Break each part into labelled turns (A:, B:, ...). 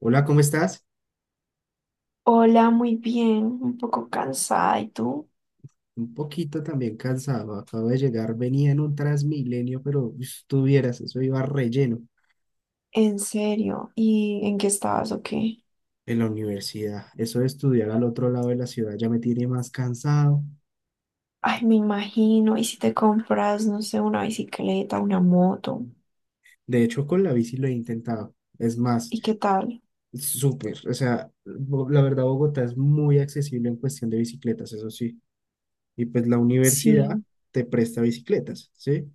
A: Hola, ¿cómo estás?
B: Hola, muy bien, un poco cansada. ¿Y tú?
A: Un poquito también cansado. Acabo de llegar, venía en un Transmilenio, pero estuvieras, eso iba relleno
B: ¿En serio? ¿Y en qué estabas o qué?
A: en la universidad. Eso de estudiar al otro lado de la ciudad ya me tiene más cansado.
B: Ay, me imagino. ¿Y si te compras, no sé, una bicicleta, una moto?
A: De hecho, con la bici lo he intentado. Es más,
B: ¿Y qué tal?
A: súper. O sea, la verdad, Bogotá es muy accesible en cuestión de bicicletas, eso sí. Y pues la
B: Sí.
A: universidad te presta bicicletas, ¿sí?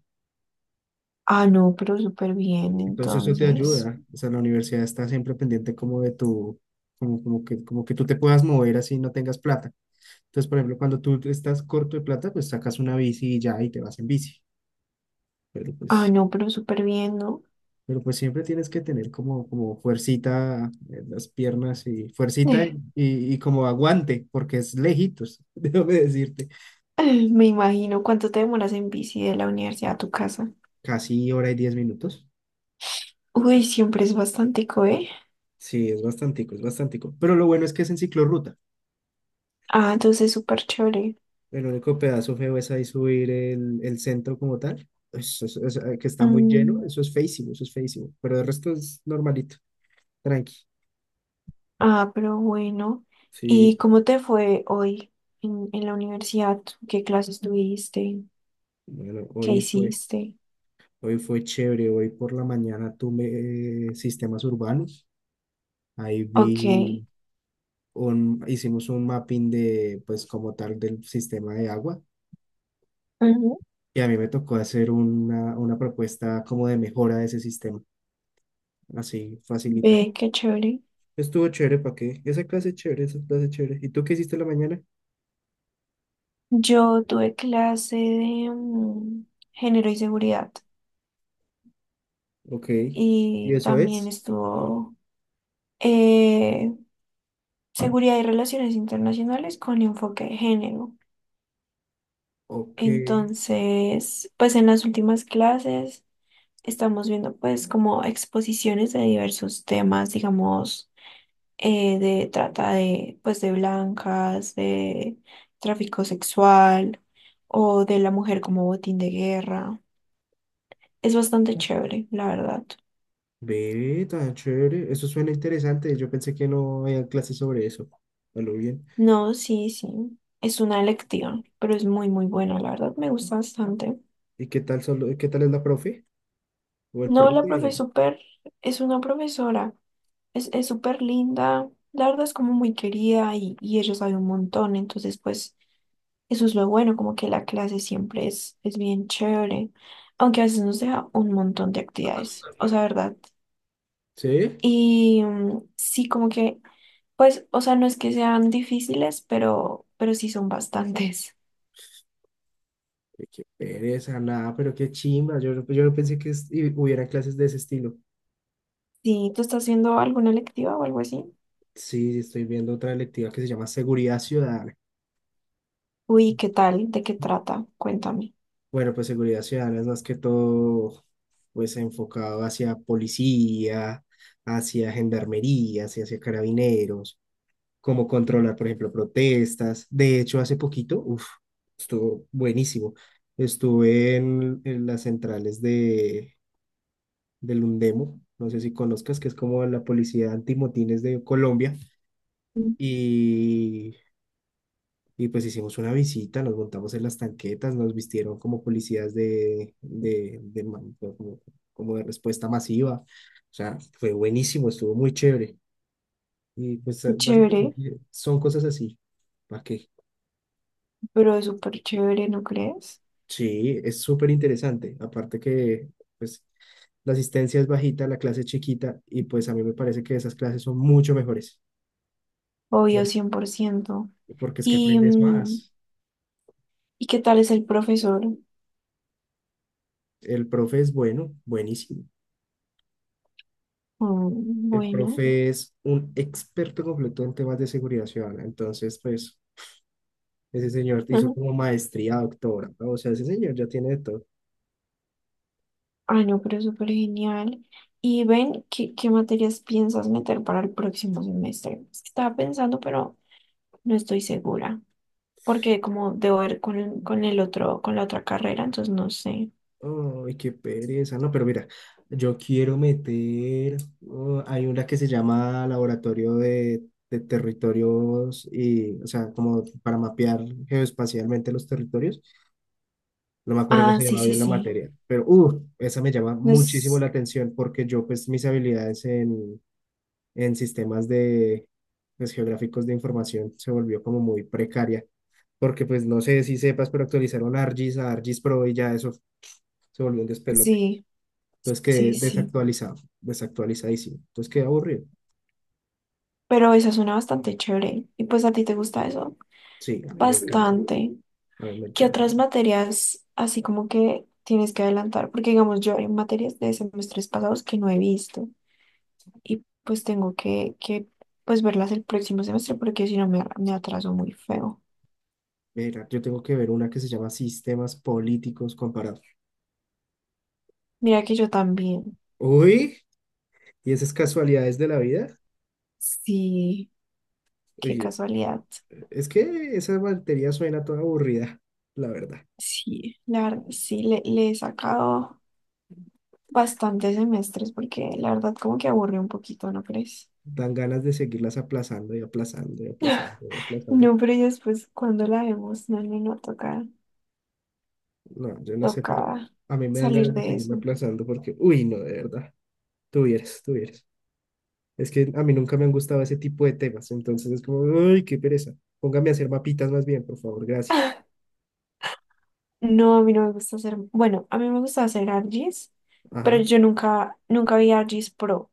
B: Ah, no, pero súper bien,
A: Entonces eso te
B: entonces.
A: ayuda. O sea, la universidad está siempre pendiente como de tu, como, como que tú te puedas mover así y no tengas plata. Entonces, por ejemplo, cuando tú estás corto de plata, pues sacas una bici y ya y te vas en bici. Pero
B: Ah,
A: pues,
B: no, pero súper bien, ¿no?
A: pero pues siempre tienes que tener como fuercita en las piernas y fuercita y,
B: Eh,
A: y, y como aguante, porque es lejitos, déjame decirte.
B: Me imagino. ¿Cuánto te demoras en bici de la universidad a tu casa?
A: Casi hora y 10 minutos.
B: Uy, siempre es bastante, ¿eh?
A: Sí, es bastantico, es bastantico. Pero lo bueno es que es en ciclorruta.
B: Ah, entonces súper chévere.
A: El único pedazo feo es ahí subir el centro como tal. Que está muy lleno,
B: Mm,
A: eso es feísimo, pero el resto es normalito, tranqui.
B: Ah, pero bueno.
A: Sí,
B: ¿Y cómo te fue hoy en la universidad? ¿Qué clases tuviste?
A: bueno,
B: ¿Qué hiciste?
A: hoy fue chévere. Hoy por la mañana tuve sistemas urbanos, ahí
B: Ok.
A: vi, hicimos un mapping de, pues como tal, del sistema de agua,
B: Ujú.
A: y a mí me tocó hacer una propuesta como de mejora de ese sistema, así facilita.
B: Ve, qué chévere.
A: Estuvo chévere, ¿para qué? Esa clase es chévere, esa clase es chévere. ¿Y tú qué hiciste en la mañana?
B: Yo tuve clase de género y seguridad
A: Ok. ¿Y
B: y
A: eso
B: también
A: es?
B: estuvo eh, seguridad y relaciones internacionales con enfoque de género.
A: Ok.
B: Entonces, pues en las últimas clases, estamos viendo pues como exposiciones de diversos temas, digamos, de trata de pues de blancas, de tráfico sexual o de la mujer como botín de guerra. Es bastante chévere, la verdad.
A: Ve, tan chévere. Eso suena interesante. Yo pensé que no había clases sobre eso. A lo bien.
B: No, sí, sí. Es una electiva, pero es muy, muy buena, la verdad. Me gusta bastante.
A: ¿Y qué tal solo, qué tal es la profe? ¿O el
B: No, la
A: profe?
B: profe es súper, es una profesora. Es súper linda. La verdad es como muy querida y ella sabe un montón. Entonces, pues, eso es lo bueno, como que la clase siempre es, bien chévere, aunque a veces nos deja un montón de actividades, o sea, ¿verdad?
A: ¿Sí?
B: Y sí, como que, pues, o sea, no es que sean difíciles, pero, sí son bastantes.
A: Ay, qué pereza, nada, pero qué chimba. Yo no pensé que hubiera clases de ese estilo.
B: Sí, ¿tú estás haciendo alguna electiva o algo así?
A: Sí, sí, estoy viendo otra electiva que se llama Seguridad Ciudadana.
B: Uy, ¿qué tal? ¿De qué trata? Cuéntame.
A: Bueno, pues seguridad ciudadana es más que todo, pues enfocado hacia policía, hacia gendarmería, hacia carabineros, cómo controlar, por ejemplo, protestas. De hecho, hace poquito, uff, estuvo buenísimo. Estuve en las centrales del Undemo, no sé si conozcas, que es como la policía antimotines de Colombia,
B: Mm,
A: y Y pues hicimos una visita, nos montamos en las tanquetas, nos vistieron como policías de como de respuesta masiva. O sea, fue buenísimo, estuvo muy chévere. Y pues
B: Qué chévere,
A: básicamente son cosas así. ¿Para qué?
B: pero es súper chévere, ¿no crees?
A: Sí, es súper interesante. Aparte que pues la asistencia es bajita, la clase es chiquita y pues a mí me parece que esas clases son mucho mejores.
B: Obvio,
A: Por-
B: 100%.
A: Porque es que
B: ¿Y,
A: aprendes
B: mm,
A: más.
B: ¿y qué tal es el profesor?
A: El profe es bueno, buenísimo.
B: Mm,
A: El
B: bueno.
A: profe es un experto completo en temas de seguridad ciudadana. Entonces, pues, ese señor hizo como maestría, doctora, ¿no? O sea, ese señor ya tiene de todo.
B: Ay, no, pero súper genial. Y ven, ¿qué materias piensas meter para el próximo semestre? Estaba pensando, pero no estoy segura, porque como debo ver con, el otro, con la otra carrera, entonces no sé.
A: Ay, qué pereza. No, pero mira, yo quiero meter. Oh, hay una que se llama Laboratorio de Territorios y, o sea, como para mapear geoespacialmente los territorios. No me acuerdo cómo
B: Ah,
A: se
B: sí,
A: llamaba
B: sí,
A: bien la
B: sí.
A: materia, pero, esa me llama
B: No
A: muchísimo
B: es-
A: la atención porque yo, pues, mis habilidades en sistemas de pues, geográficos de información se volvió como muy precaria, porque pues no sé si sepas, pero actualizaron ArcGIS a ArcGIS Pro y ya eso se volvió un despelote.
B: Sí,
A: Entonces quedé
B: sí, sí.
A: desactualizado, desactualizadísimo. Entonces quedé aburrido.
B: Pero esa suena bastante chévere. Y pues a ti te gusta eso
A: Sí, a mí me encanta,
B: bastante.
A: a mí me
B: ¿Qué
A: encanta.
B: otras materias así como que tienes que adelantar? Porque digamos, yo hay materias de semestres pasados que no he visto, y pues tengo que, pues verlas el próximo semestre porque si no me atraso muy feo.
A: Mira, yo tengo que ver una que se llama Sistemas Políticos Comparados.
B: Mira que yo también,
A: Uy, ¿y esas casualidades de la vida?
B: sí, qué
A: Oye,
B: casualidad.
A: es que esa batería suena toda aburrida, la verdad.
B: Sí, la verdad, sí, le he sacado bastantes semestres porque la verdad como que aburre un poquito, ¿no crees?
A: Dan ganas de seguirlas aplazando y aplazando y aplazando y aplazando.
B: No, pero y después cuando la vemos, no, no, no, toca,
A: No, yo no sé, pero
B: toca
A: a mí me dan
B: salir
A: ganas de
B: de
A: seguirme
B: eso.
A: aplazando porque, uy, no, de verdad, tuvieras, tuvieras. Es que a mí nunca me han gustado ese tipo de temas, entonces es como, uy, qué pereza. Póngame a hacer mapitas más bien, por favor, gracias.
B: No, a mí no me gusta hacer, bueno, a mí me gusta hacer ARGIS, pero
A: Ajá.
B: yo nunca, nunca vi ARGIS Pro.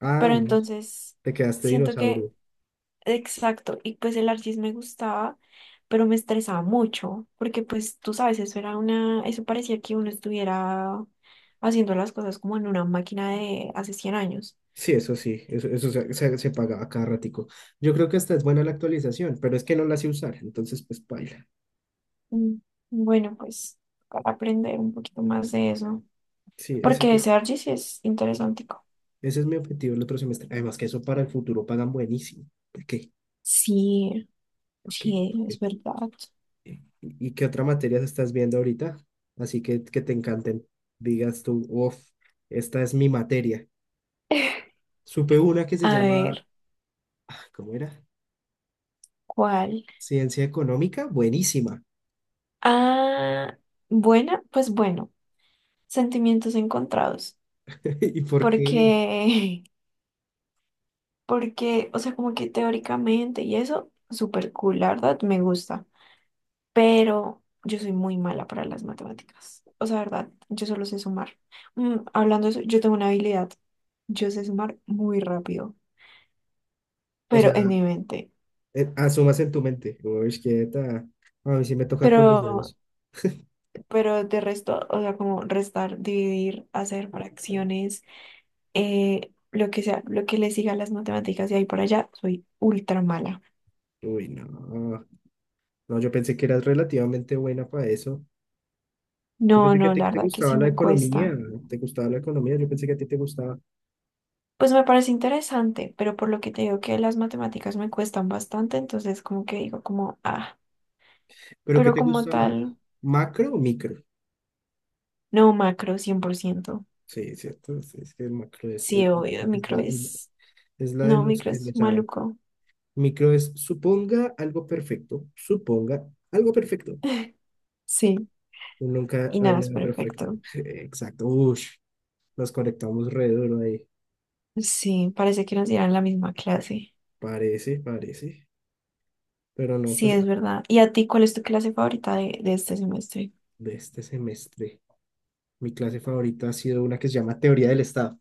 A: Ah,
B: Pero
A: no,
B: entonces
A: te quedaste
B: siento que,
A: dinosaurio.
B: exacto, y pues el archis me gustaba, pero me estresaba mucho, porque pues tú sabes, eso parecía que uno estuviera haciendo las cosas como en una máquina de hace 100 años.
A: Sí, eso sí, eso se pagaba cada ratico. Yo creo que esta es buena la actualización, pero es que no la sé usar, entonces pues baila.
B: Mm, Bueno, pues para aprender un poquito más de eso,
A: Sí, ese,
B: porque ese archis es interesante.
A: Ese es mi objetivo el otro semestre. Además que eso para el futuro pagan buenísimo. ¿Por qué?
B: Sí,
A: ¿Por qué? ¿Por
B: sí, es
A: qué?
B: verdad.
A: ¿Y, y qué otra materia estás viendo ahorita? Así que te encanten. Digas tú, uff, esta es mi materia. Supe una que se
B: A
A: llama,
B: ver,
A: ah, ¿Cómo era?
B: ¿cuál?
A: Ciencia económica, buenísima.
B: Ah, buena, pues bueno, sentimientos encontrados.
A: ¿Y por
B: Porque,
A: qué?
B: porque, o sea, como que teóricamente y eso, súper cool, la verdad, me gusta. Pero yo soy muy mala para las matemáticas. O sea, verdad, yo solo sé sumar. Hablando de eso, yo tengo una habilidad. Yo sé sumar muy rápido,
A: O sea,
B: pero en mi mente.
A: asumas en tu mente. Uy, quieta. A mí sí me toca
B: Pero,
A: con los dedos.
B: pero de resto, o sea, como restar, dividir, hacer fracciones, lo que sea, lo que le siga a las matemáticas y ahí por allá, soy ultra mala.
A: Uy, no. No, yo pensé que eras relativamente buena para eso. Yo
B: No,
A: pensé que a
B: no,
A: ti
B: la
A: te
B: verdad que
A: gustaba
B: sí
A: la
B: me
A: economía,
B: cuesta.
A: te gustaba la economía, yo pensé que a ti te gustaba,
B: Pues me parece interesante, pero por lo que te digo que las matemáticas me cuestan bastante, entonces como que digo como, ah,
A: pero ¿qué
B: pero
A: te
B: como
A: gusta más?
B: tal,
A: ¿Macro o micro?
B: no macro 100%.
A: Sí, cierto, sí, es que el macro es,
B: Sí, obvio,
A: es, la,
B: micro
A: es
B: es,
A: es la de
B: no,
A: los
B: micro
A: que le
B: es
A: saben.
B: maluco.
A: Micro es suponga algo perfecto, suponga algo perfecto.
B: Sí,
A: Nunca
B: y
A: hay
B: nada, es
A: nada perfecto.
B: perfecto.
A: Exacto, ush, nos conectamos re duro ahí.
B: Sí, parece que nos dieran la misma clase.
A: Parece, parece, pero no,
B: Sí,
A: pues
B: es verdad. ¿Y a ti cuál es tu clase favorita de este semestre?
A: de este semestre. Mi clase favorita ha sido una que se llama Teoría del Estado.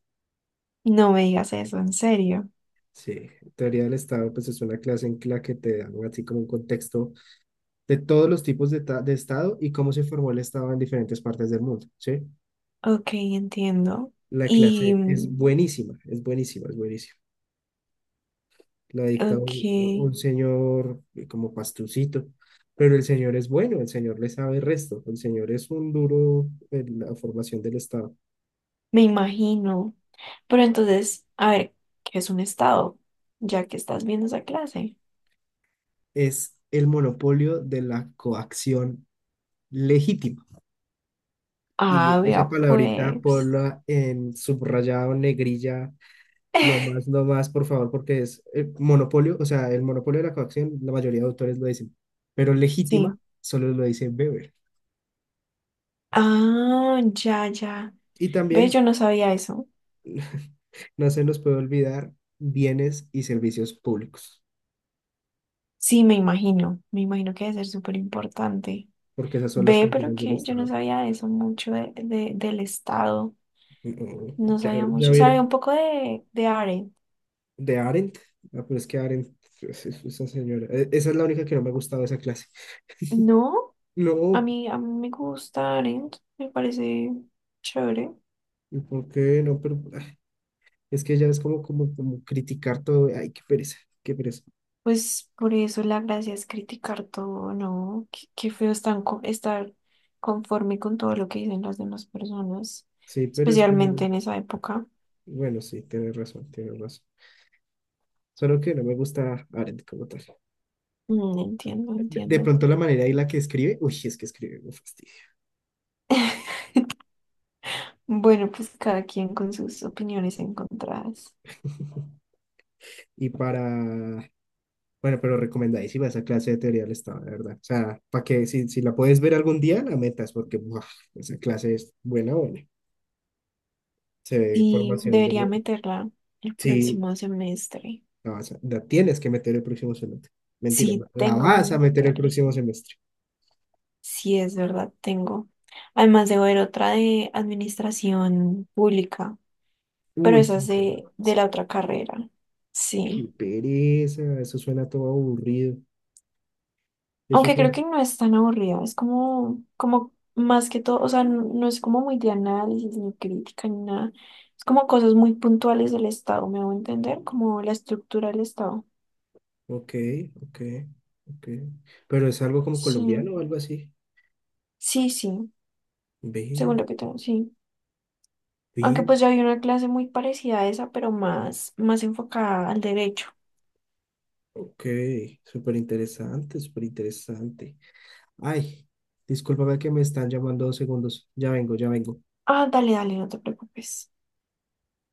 B: No me digas eso, en serio.
A: Sí, teoría del Estado, pues es una clase en la que te dan así como un contexto de todos los tipos de Estado y cómo se formó el Estado en diferentes partes del mundo, ¿sí?
B: Ok, entiendo.
A: La
B: Y,
A: clase es
B: mm,
A: buenísima, es buenísima, es buenísima. La dicta un,
B: ok,
A: un señor como pastucito, pero el señor es bueno, el señor le sabe el resto, el señor es un duro en la formación del Estado.
B: me imagino. Pero entonces, a ver, ¿qué es un estado? Ya que estás viendo esa clase.
A: Es el monopolio de la coacción legítima. Y
B: Ah,
A: esa
B: vea,
A: palabrita
B: pues.
A: ponla en subrayado, negrilla, lo más, por favor, porque es monopolio, o sea, el monopolio de la coacción, la mayoría de autores lo dicen, pero legítima
B: Sí.
A: solo lo dice Weber.
B: Ah, ya, ya.
A: Y
B: Ve,
A: también
B: yo no sabía eso.
A: no se nos puede olvidar bienes y servicios públicos,
B: Sí, me imagino. Me imagino que debe ser súper importante.
A: porque esas son las
B: Ve, pero
A: funciones del
B: que yo no
A: Estado.
B: sabía eso mucho de, del estado.
A: No,
B: No
A: ya,
B: sabía
A: ya
B: mucho.
A: hubiera-
B: Sabía un poco de, Arendt.
A: de Arendt, ah, pero es que Arendt, esa señora, esa es la única que no me ha gustado de esa clase.
B: No, a
A: No,
B: mí, a mí me gusta Arendt. Me parece chévere.
A: ¿y ¿por qué no? Pero es que ya es como, como criticar todo. Ay, qué pereza, qué pereza.
B: Pues por eso la gracia es criticar todo, ¿no? Qué feo es tan estar conforme con todo lo que dicen las demás personas,
A: Sí, pero es que
B: especialmente
A: no-
B: en esa época.
A: Bueno, sí, tienes razón, tienes razón. Solo que no me gusta Arendt como tal.
B: Entiendo,
A: De
B: entiendo.
A: pronto la manera y la que escribe, uy, es que escribe un fastidio.
B: Bueno, pues cada quien con sus opiniones encontradas.
A: Y para, bueno, pero recomendadísima esa clase de teoría del Estado, de verdad. O sea, para que si, si la puedes ver algún día, la metas, porque buah, esa clase es buena, buena. Se ve
B: Sí,
A: formación
B: debería
A: de...
B: meterla el
A: Sí,
B: próximo semestre.
A: la tienes que meter el próximo semestre. Mentira,
B: Sí,
A: la
B: tengo que
A: vas a meter el
B: meterla.
A: próximo semestre.
B: Sí, es verdad, tengo. Además, debo ver otra de administración pública, pero
A: Uy,
B: esa es de, la otra carrera.
A: qué
B: Sí.
A: pereza, eso suena todo aburrido. Eso
B: Aunque creo que
A: suena.
B: no es tan aburrida, es como, más que todo, o sea, no, no es como muy de análisis, ni crítica, ni nada. Es como cosas muy puntuales del Estado, me hago entender, como la estructura del Estado.
A: Ok, ok, ok. Pero es algo como
B: Sí,
A: colombiano o algo así.
B: sí, sí, según
A: Ve,
B: lo que tengo, sí. Aunque
A: ve.
B: pues ya había una clase muy parecida a esa, pero más, más enfocada al derecho.
A: Ok, súper interesante, súper interesante. Ay, discúlpame que me están llamando 2 segundos. Ya vengo, ya vengo.
B: Ah, dale, dale, no te preocupes.